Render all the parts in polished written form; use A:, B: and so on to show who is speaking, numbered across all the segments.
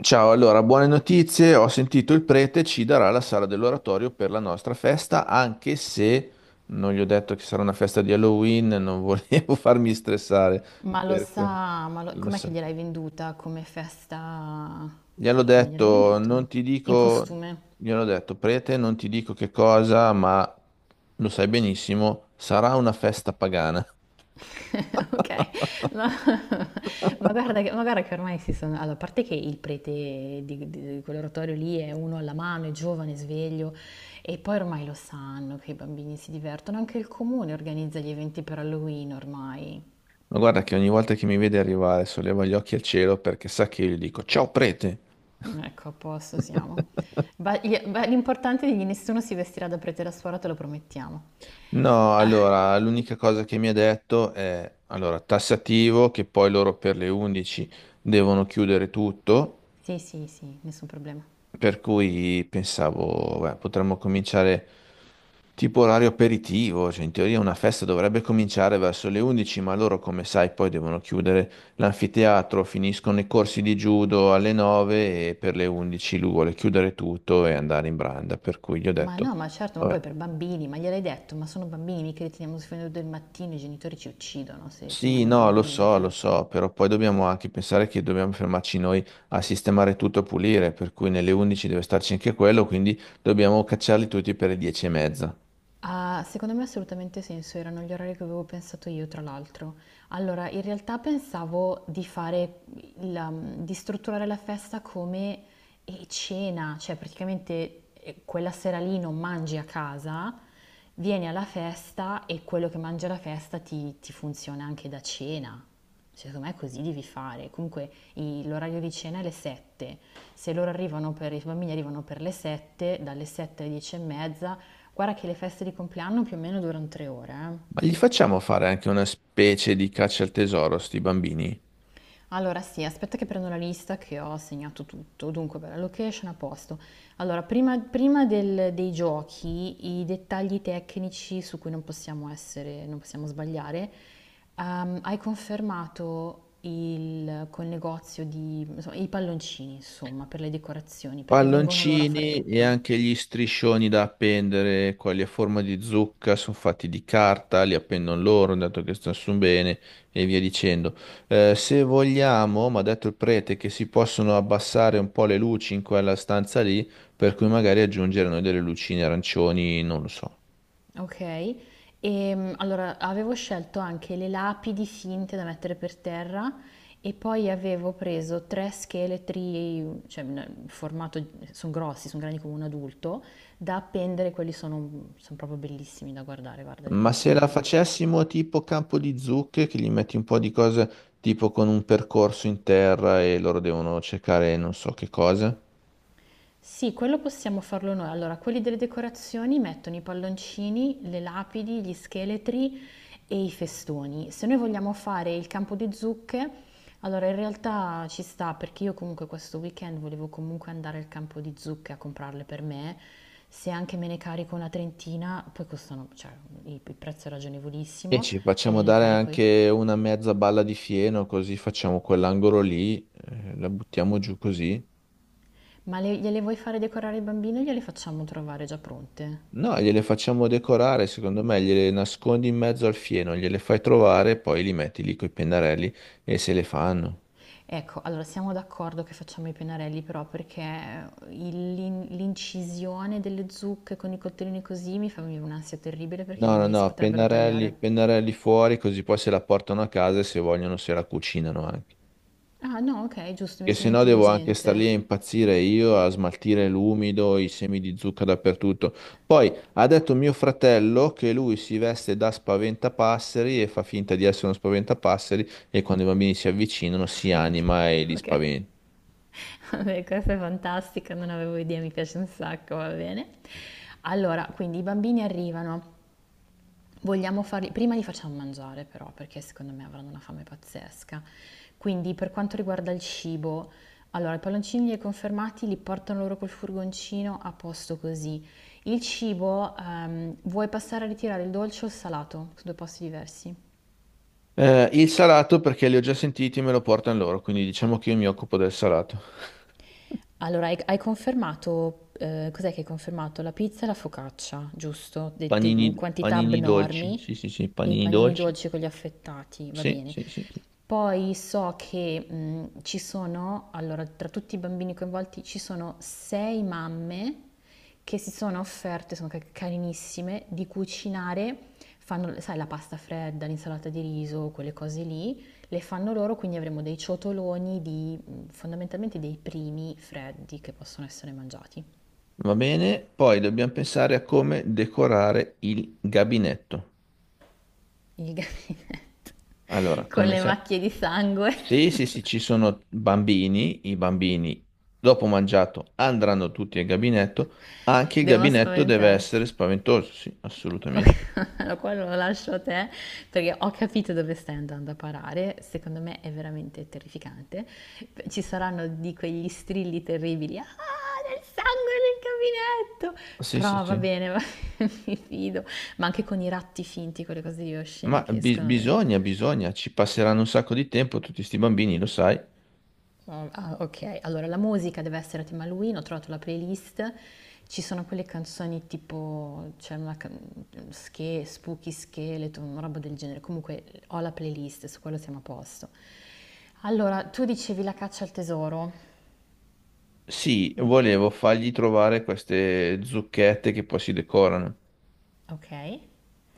A: Ciao, allora, buone notizie. Ho sentito il prete ci darà la sala dell'oratorio per la nostra festa, anche se non gli ho detto che sarà una festa di Halloween, non volevo farmi stressare.
B: Ma lo
A: Per que-
B: sa,
A: Lo
B: com'è che
A: so.
B: gliel'hai venduta come festa?
A: Gli hanno
B: E come gliel'hai
A: detto,
B: venduta?
A: non ti
B: In
A: dico,
B: costume.
A: gli hanno detto, prete, non ti dico che cosa, ma lo sai benissimo, sarà una festa pagana.
B: Ok, no. Ma guarda che ormai si sono. Allora, a parte che il prete di quell'oratorio lì è uno alla mano, è giovane, sveglio, e poi ormai lo sanno che i bambini si divertono, anche il comune organizza gli eventi per Halloween ormai.
A: Ma guarda che ogni volta che mi vede arrivare solleva gli occhi al cielo perché sa che io gli dico, ciao prete.
B: Ecco, a posto siamo. L'importante è che nessuno si vestirà da prete e da suora, te lo promettiamo.
A: No, allora, l'unica cosa che mi ha detto è, allora, tassativo, che poi loro per le 11 devono chiudere tutto,
B: Sì, sì, sì, nessun problema.
A: per cui pensavo, beh, potremmo cominciare tipo orario aperitivo, cioè in teoria una festa dovrebbe cominciare verso le 11, ma loro, come sai, poi devono chiudere l'anfiteatro, finiscono i corsi di judo alle 9 e per le 11 lui vuole chiudere tutto e andare in branda, per cui gli ho
B: Ma
A: detto...
B: no, ma certo, ma
A: Vabbè,
B: poi per bambini, ma gliel'hai detto, ma sono bambini, mica li teniamo fino al del mattino, i genitori ci uccidono se
A: sì,
B: teniamo i
A: no,
B: bambini lì
A: lo
B: fino a.
A: so, però poi dobbiamo anche pensare che dobbiamo fermarci noi a sistemare tutto e pulire, per cui nelle 11 deve starci anche quello, quindi dobbiamo cacciarli tutti per le 10 e mezza.
B: Ah, secondo me ha assolutamente senso, erano gli orari che avevo pensato io, tra l'altro. Allora, in realtà pensavo di fare di strutturare la festa come cena, cioè praticamente quella sera lì non mangi a casa, vieni alla festa e quello che mangi alla festa ti funziona anche da cena. Cioè, secondo me così devi fare. Comunque l'orario di cena è le 7. Se loro arrivano per, i bambini arrivano per le 7, dalle 7 alle 10 e mezza. Guarda che le feste di compleanno più o meno durano 3 ore, eh.
A: Ma gli facciamo fare anche una specie di caccia al tesoro, sti bambini?
B: Allora sì, aspetta che prendo la lista che ho segnato tutto. Dunque, beh, la location a posto. Allora, prima dei giochi, i dettagli tecnici su cui non possiamo sbagliare. Hai confermato col negozio di, insomma, i palloncini, insomma, per le decorazioni, perché vengono loro a fare
A: Palloncini e
B: tutto.
A: anche gli striscioni da appendere, quelli a forma di zucca, sono fatti di carta, li appendono loro, dato che stanno su bene e via dicendo. Se vogliamo, mi ha detto il prete, che si possono abbassare un po' le luci in quella stanza lì, per cui magari aggiungere noi delle lucine arancioni, non lo so.
B: Ok, e allora avevo scelto anche le lapidi finte da mettere per terra e poi avevo preso tre scheletri, cioè in formato, sono grossi, sono grandi come un adulto, da appendere, quelli sono proprio bellissimi da guardare, guarda, le
A: Ma se
B: decorazioni
A: la
B: sono bellissime.
A: facessimo tipo campo di zucche, che gli metti un po' di cose tipo con un percorso in terra e loro devono cercare non so che cosa.
B: Sì, quello possiamo farlo noi. Allora, quelli delle decorazioni mettono i palloncini, le lapidi, gli scheletri e i festoni. Se noi vogliamo fare il campo di zucche, allora in realtà ci sta perché io comunque questo weekend volevo comunque andare al campo di zucche a comprarle per me. Se anche me ne carico una trentina, poi costano, cioè il prezzo è
A: E
B: ragionevolissimo,
A: ci facciamo
B: e le
A: dare
B: carico io.
A: anche una mezza balla di fieno, così facciamo quell'angolo lì, la buttiamo giù così.
B: Ma gliele vuoi fare decorare il bambino? Gliele facciamo trovare già pronte?
A: No, gliele facciamo decorare, secondo me, gliele nascondi in mezzo al fieno, gliele fai trovare, poi li metti lì coi pennarelli e se le fanno.
B: Ecco, allora siamo d'accordo che facciamo i pennarelli però perché l'incisione delle zucche con i coltellini così mi fa venire un'ansia terribile perché i
A: No, no,
B: bambini si
A: no,
B: potrebbero
A: pennarelli,
B: tagliare.
A: pennarelli fuori, così poi se la portano a casa e se vogliono se la cucinano anche.
B: Ah no, ok, giusto, mi
A: Che se
B: sembra
A: no devo anche star
B: intelligente.
A: lì a impazzire io, a smaltire l'umido, i semi di zucca dappertutto. Poi ha detto mio fratello che lui si veste da spaventapasseri e fa finta di essere uno spaventapasseri e quando i bambini si avvicinano si
B: Ok,
A: anima e li
B: ok.
A: spaventa.
B: Vabbè, questa è fantastica, non avevo idea, mi piace un sacco, va bene. Allora, quindi i bambini arrivano. Prima li facciamo mangiare però, perché secondo me avranno una fame pazzesca. Quindi per quanto riguarda il cibo, allora i palloncini li hai confermati, li portano loro col furgoncino a posto così. Il cibo, vuoi passare a ritirare il dolce o il salato? Sono due posti diversi.
A: Il salato perché li ho già sentiti e me lo portano loro, quindi diciamo che io mi occupo del salato.
B: Allora, hai confermato, cos'è che hai confermato? La pizza e la focaccia, giusto? In
A: Panini,
B: quantità
A: panini dolci,
B: abnormi
A: sì sì sì,
B: e i
A: panini
B: panini
A: dolci,
B: dolci con gli affettati, va
A: sì
B: bene.
A: sì sì. Sì.
B: Poi so che ci sono, allora, tra tutti i bambini coinvolti ci sono sei mamme che si sono offerte, sono carinissime, di cucinare, fanno, sai, la pasta fredda, l'insalata di riso, quelle cose lì, le fanno loro, quindi avremo dei ciotoloni di fondamentalmente dei primi freddi che possono essere mangiati.
A: Va bene, poi dobbiamo pensare a come decorare il gabinetto.
B: Il gabinetto
A: Allora,
B: con
A: come
B: le
A: sai, mm,
B: macchie di sangue
A: sì, sì, sì, ci sono bambini, i bambini dopo mangiato andranno tutti al gabinetto, anche il
B: devono
A: gabinetto deve essere
B: spaventarsi.
A: spaventoso, sì, assolutamente.
B: Allora, qua lo lascio a te perché ho capito dove stai andando a parare. Secondo me è veramente terrificante. Ci saranno di quegli strilli terribili. Ah, del sangue nel gabinetto!
A: Sì, sì,
B: Però va
A: sì.
B: bene, bene, mi fido. Ma anche con i ratti finti, quelle cose di oscene
A: Ma
B: che escono, dai.
A: bisogna, bisogna, ci passeranno un sacco di tempo tutti sti bambini, lo sai.
B: Oh, ah, ok, allora la musica deve essere a tema Halloween, ho trovato la playlist, ci sono quelle canzoni tipo, c'è una Spooky Skeleton, una roba del genere, comunque ho la playlist, su quello siamo a posto. Allora, tu dicevi la caccia al tesoro,
A: Sì, volevo fargli trovare queste zucchette che poi si decorano.
B: ok,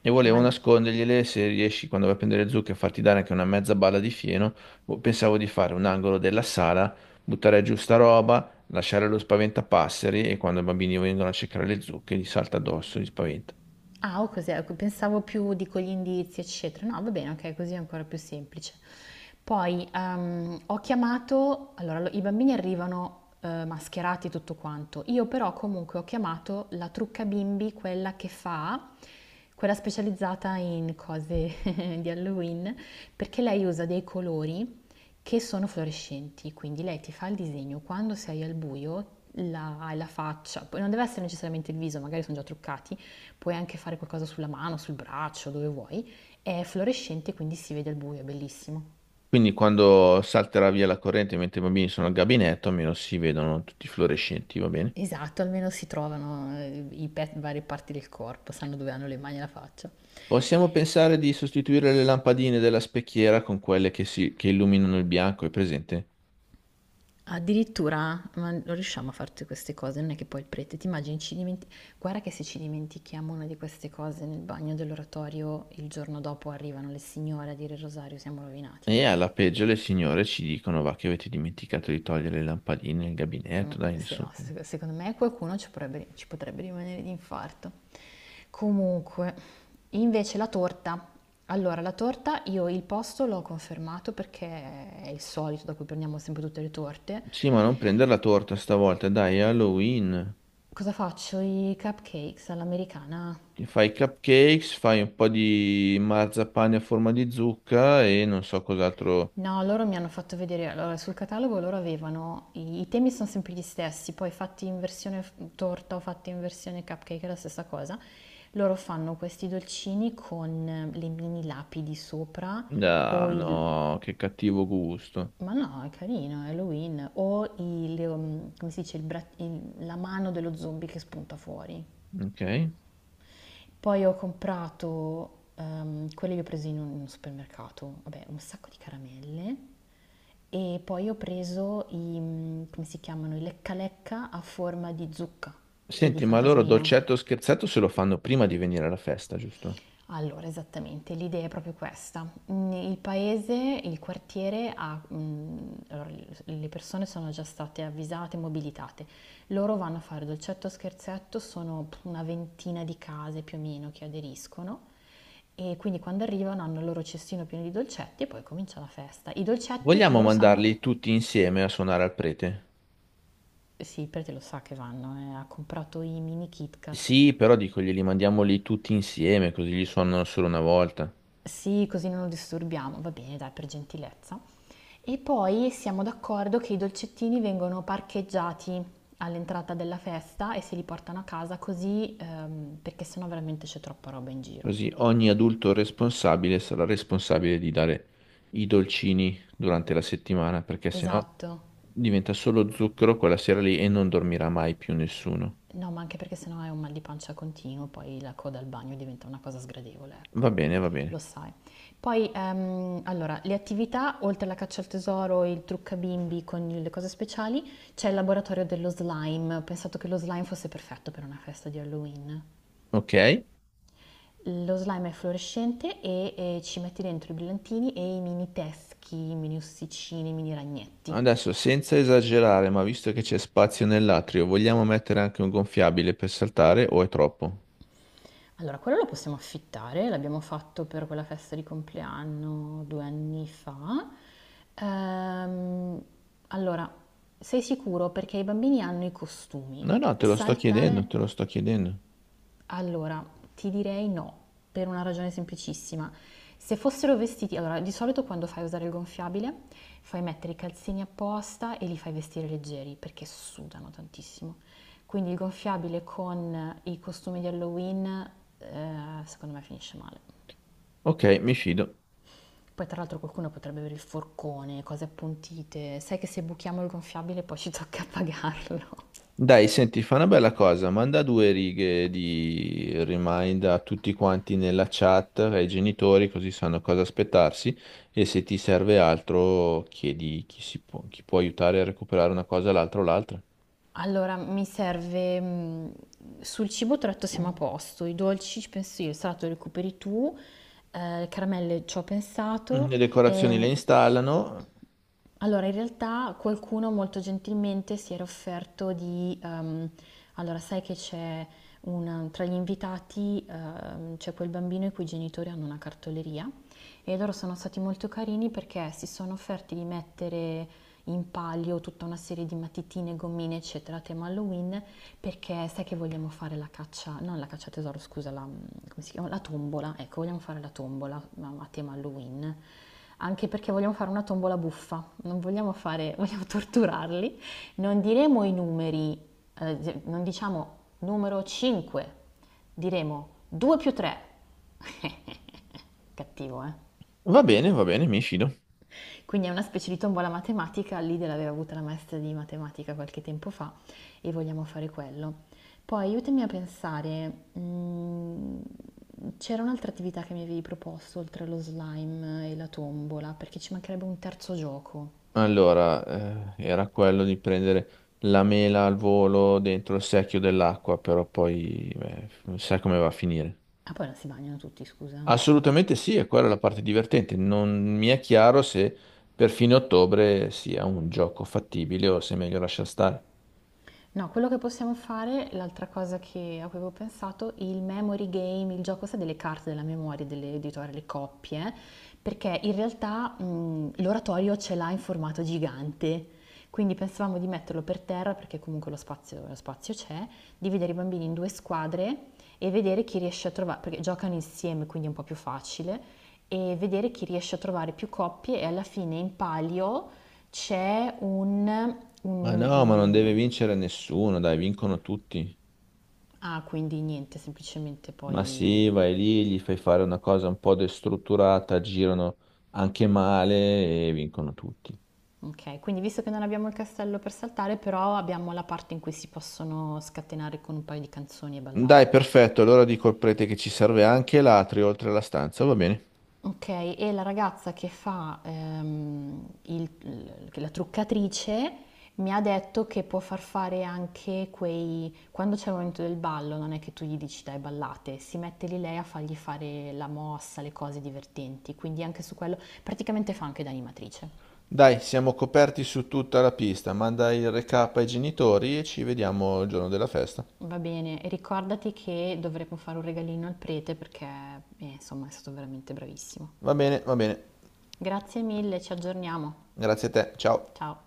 A: E
B: ma
A: volevo nascondergliele se riesci quando vai a prendere le zucche a farti dare anche una mezza balla di fieno. Boh, pensavo di fare un angolo della sala, buttare giù sta roba, lasciare lo spaventapasseri e quando i bambini vengono a cercare le zucche gli salta addosso, li spaventa.
B: ah, o cos'è? Ecco, pensavo più dico gli indizi, eccetera. No, va bene, ok, così è ancora più semplice. Poi ho chiamato, allora i bambini arrivano mascherati e tutto quanto, io però comunque ho chiamato la trucca bimbi, quella specializzata in cose di Halloween, perché lei usa dei colori che sono fluorescenti, quindi lei ti fa il disegno quando sei al buio, hai la faccia, poi non deve essere necessariamente il viso, magari sono già truccati, puoi anche fare qualcosa sulla mano, sul braccio, dove vuoi. È fluorescente, quindi si vede al buio, è bellissimo.
A: Quindi quando salterà via la corrente mentre i bambini sono al gabinetto, almeno si vedono tutti fluorescenti, va bene?
B: Esatto, almeno si trovano varie parti del corpo, sanno dove hanno le mani e la faccia.
A: Possiamo pensare di sostituire le lampadine della specchiera con quelle che, si, che illuminano il bianco, è presente?
B: Addirittura, ma non riusciamo a fare tutte queste cose, non è che poi il prete, ti immagini, guarda che se ci dimentichiamo una di queste cose nel bagno dell'oratorio, il giorno dopo arrivano le signore a dire il rosario, siamo rovinati,
A: E
B: eh.
A: alla peggio le signore ci dicono, va, che avete dimenticato di togliere le lampadine nel gabinetto, dai,
B: Se
A: nessuno.
B: no, secondo me qualcuno ci potrebbe rimanere di infarto. Comunque, invece la torta. Allora, la torta io il posto l'ho confermato perché è il solito da cui prendiamo sempre tutte le torte.
A: Sì, ma non prendere la torta stavolta, dai, è Halloween.
B: Cosa faccio? I cupcakes all'americana?
A: Ti fai i cupcakes, fai un po' di marzapane a forma di zucca e non so cos'altro.
B: No, loro mi hanno fatto vedere, allora sul catalogo loro avevano, i temi sono sempre gli stessi, poi fatti in versione torta o fatti in versione cupcake è la stessa cosa. Loro fanno questi dolcini con le mini lapidi sopra o
A: Ah,
B: il.
A: no, che cattivo gusto.
B: Ma no, è carino, è Halloween. Come si dice, la mano dello zombie che spunta fuori.
A: Ok.
B: Poi ho comprato, quelle le ho prese in un supermercato, vabbè, un sacco di caramelle e poi ho preso come si chiamano, i lecca lecca a forma di zucca e di
A: Senti, ma loro
B: fantasmino.
A: dolcetto o scherzetto se lo fanno prima di venire alla festa, giusto?
B: Allora, esattamente, l'idea è proprio questa. Il paese, il quartiere allora, le persone sono già state avvisate, mobilitate. Loro vanno a fare dolcetto scherzetto, sono una ventina di case più o meno che aderiscono e quindi quando arrivano hanno il loro cestino pieno di dolcetti e poi comincia la festa. I dolcetti
A: Vogliamo
B: loro sanno,
A: mandarli tutti insieme a suonare al prete?
B: sì, perché lo sa che vanno, ha comprato i mini Kit Kat.
A: Sì, però dico, glieli mandiamo lì tutti insieme, così li suonano solo una volta.
B: Sì, così non lo disturbiamo, va bene, dai, per gentilezza. E poi siamo d'accordo che i dolcettini vengono parcheggiati all'entrata della festa e se li portano a casa così, perché sennò veramente c'è troppa roba in giro.
A: Così ogni adulto responsabile sarà responsabile di dare i dolcini durante la settimana, perché sennò
B: Esatto.
A: diventa solo zucchero quella sera lì e non dormirà mai più nessuno.
B: No, ma anche perché sennò hai un mal di pancia continuo, poi la coda al bagno diventa una cosa sgradevole,
A: Va
B: ecco,
A: bene, va bene.
B: lo sai. Poi, allora, le attività, oltre alla caccia al tesoro, il trucca bimbi con le cose speciali, c'è il laboratorio dello slime. Ho pensato che lo slime fosse perfetto per una festa di Halloween.
A: Ok?
B: Lo slime è fluorescente e, ci metti dentro i brillantini e i mini teschi, i mini ossicini, i mini ragnetti.
A: Adesso, senza esagerare, ma visto che c'è spazio nell'atrio, vogliamo mettere anche un gonfiabile per saltare o è troppo?
B: Allora, quello lo possiamo affittare, l'abbiamo fatto per quella festa di compleanno 2 anni fa. Ehm, allora, sei sicuro perché i bambini hanno i costumi.
A: No, no, te lo sto
B: Saltare
A: chiedendo, te lo sto chiedendo.
B: allora, ti direi no, per una ragione semplicissima. Se fossero vestiti, allora di solito quando fai usare il gonfiabile fai mettere i calzini apposta e li fai vestire leggeri perché sudano tantissimo. Quindi il gonfiabile con i costumi di Halloween, eh, secondo me finisce male.
A: Ok, mi fido.
B: Poi tra l'altro qualcuno potrebbe avere il forcone, cose appuntite. Sai che se buchiamo il gonfiabile poi ci tocca pagarlo.
A: Dai, senti, fa una bella cosa, manda due righe di remind a tutti quanti nella chat, ai genitori, così sanno cosa aspettarsi e se ti serve altro chiedi chi, si può, chi può aiutare a recuperare una cosa, l'altra o l'altra.
B: Allora, mi serve, sul cibo tratto siamo a posto, i dolci ci penso io, il salato lo recuperi tu, caramelle c'ho
A: Mm,
B: pensato.
A: le decorazioni le
B: Ehm,
A: installano.
B: allora in realtà qualcuno molto gentilmente si era offerto di allora sai che c'è un tra gli invitati, c'è quel bambino i cui genitori hanno una cartoleria e loro sono stati molto carini perché si sono offerti di mettere in palio tutta una serie di matitine, gommine, eccetera, a tema Halloween perché sai che vogliamo fare la caccia, non la caccia al tesoro, scusa, come si chiama? La tombola, ecco, vogliamo fare la tombola ma a tema Halloween, anche perché vogliamo fare una tombola buffa, non vogliamo fare, vogliamo torturarli, non diremo i numeri, non diciamo numero 5, diremo 2 più 3. Cattivo, eh?
A: Va bene, mi fido.
B: Quindi è una specie di tombola matematica, l'idea l'aveva avuta la maestra di matematica qualche tempo fa e vogliamo fare quello. Poi aiutami a pensare, c'era un'altra attività che mi avevi proposto oltre allo slime e la tombola, perché ci mancherebbe un terzo gioco.
A: Allora, era quello di prendere la mela al volo dentro il secchio dell'acqua, però poi, beh, sai come va a finire.
B: Ah, poi non si bagnano tutti, scusa.
A: Assolutamente sì, e quella è la parte divertente. Non mi è chiaro se per fine ottobre sia un gioco fattibile o se è meglio lasciar stare.
B: No, quello che possiamo fare, l'altra cosa che, a cui avevo pensato, il memory game, il gioco sa delle carte della memoria dell'editore, le coppie, perché in realtà l'oratorio ce l'ha in formato gigante, quindi pensavamo di metterlo per terra perché comunque lo spazio c'è, dividere i bambini in due squadre e vedere chi riesce a trovare, perché giocano insieme, quindi è un po' più facile, e vedere chi riesce a trovare più coppie e alla fine in palio c'è un, un
A: Ma
B: mi-
A: no, ma non
B: un-
A: deve vincere nessuno, dai, vincono tutti.
B: Ah, quindi niente, semplicemente
A: Ma
B: poi.
A: sì, vai lì, gli fai fare una cosa un po' destrutturata, girano anche male e vincono tutti.
B: Ok, quindi visto che non abbiamo il castello per saltare, però abbiamo la parte in cui si possono scatenare con un paio di canzoni e ballare.
A: Dai, perfetto, allora dico al prete che ci serve anche l'atrio oltre alla stanza, va bene?
B: Ok, e la ragazza che fa la truccatrice mi ha detto che può far fare anche quei. Quando c'è il momento del ballo, non è che tu gli dici dai ballate, si mette lì lei a fargli fare la mossa, le cose divertenti, quindi anche su quello praticamente fa anche da animatrice.
A: Dai, siamo coperti su tutta la pista, manda il recap ai genitori e ci vediamo il giorno della festa.
B: Va bene, e ricordati che dovremo fare un regalino al prete perché, insomma, è stato veramente bravissimo.
A: Va bene, va bene.
B: Grazie mille, ci aggiorniamo.
A: Grazie a te, ciao.
B: Ciao.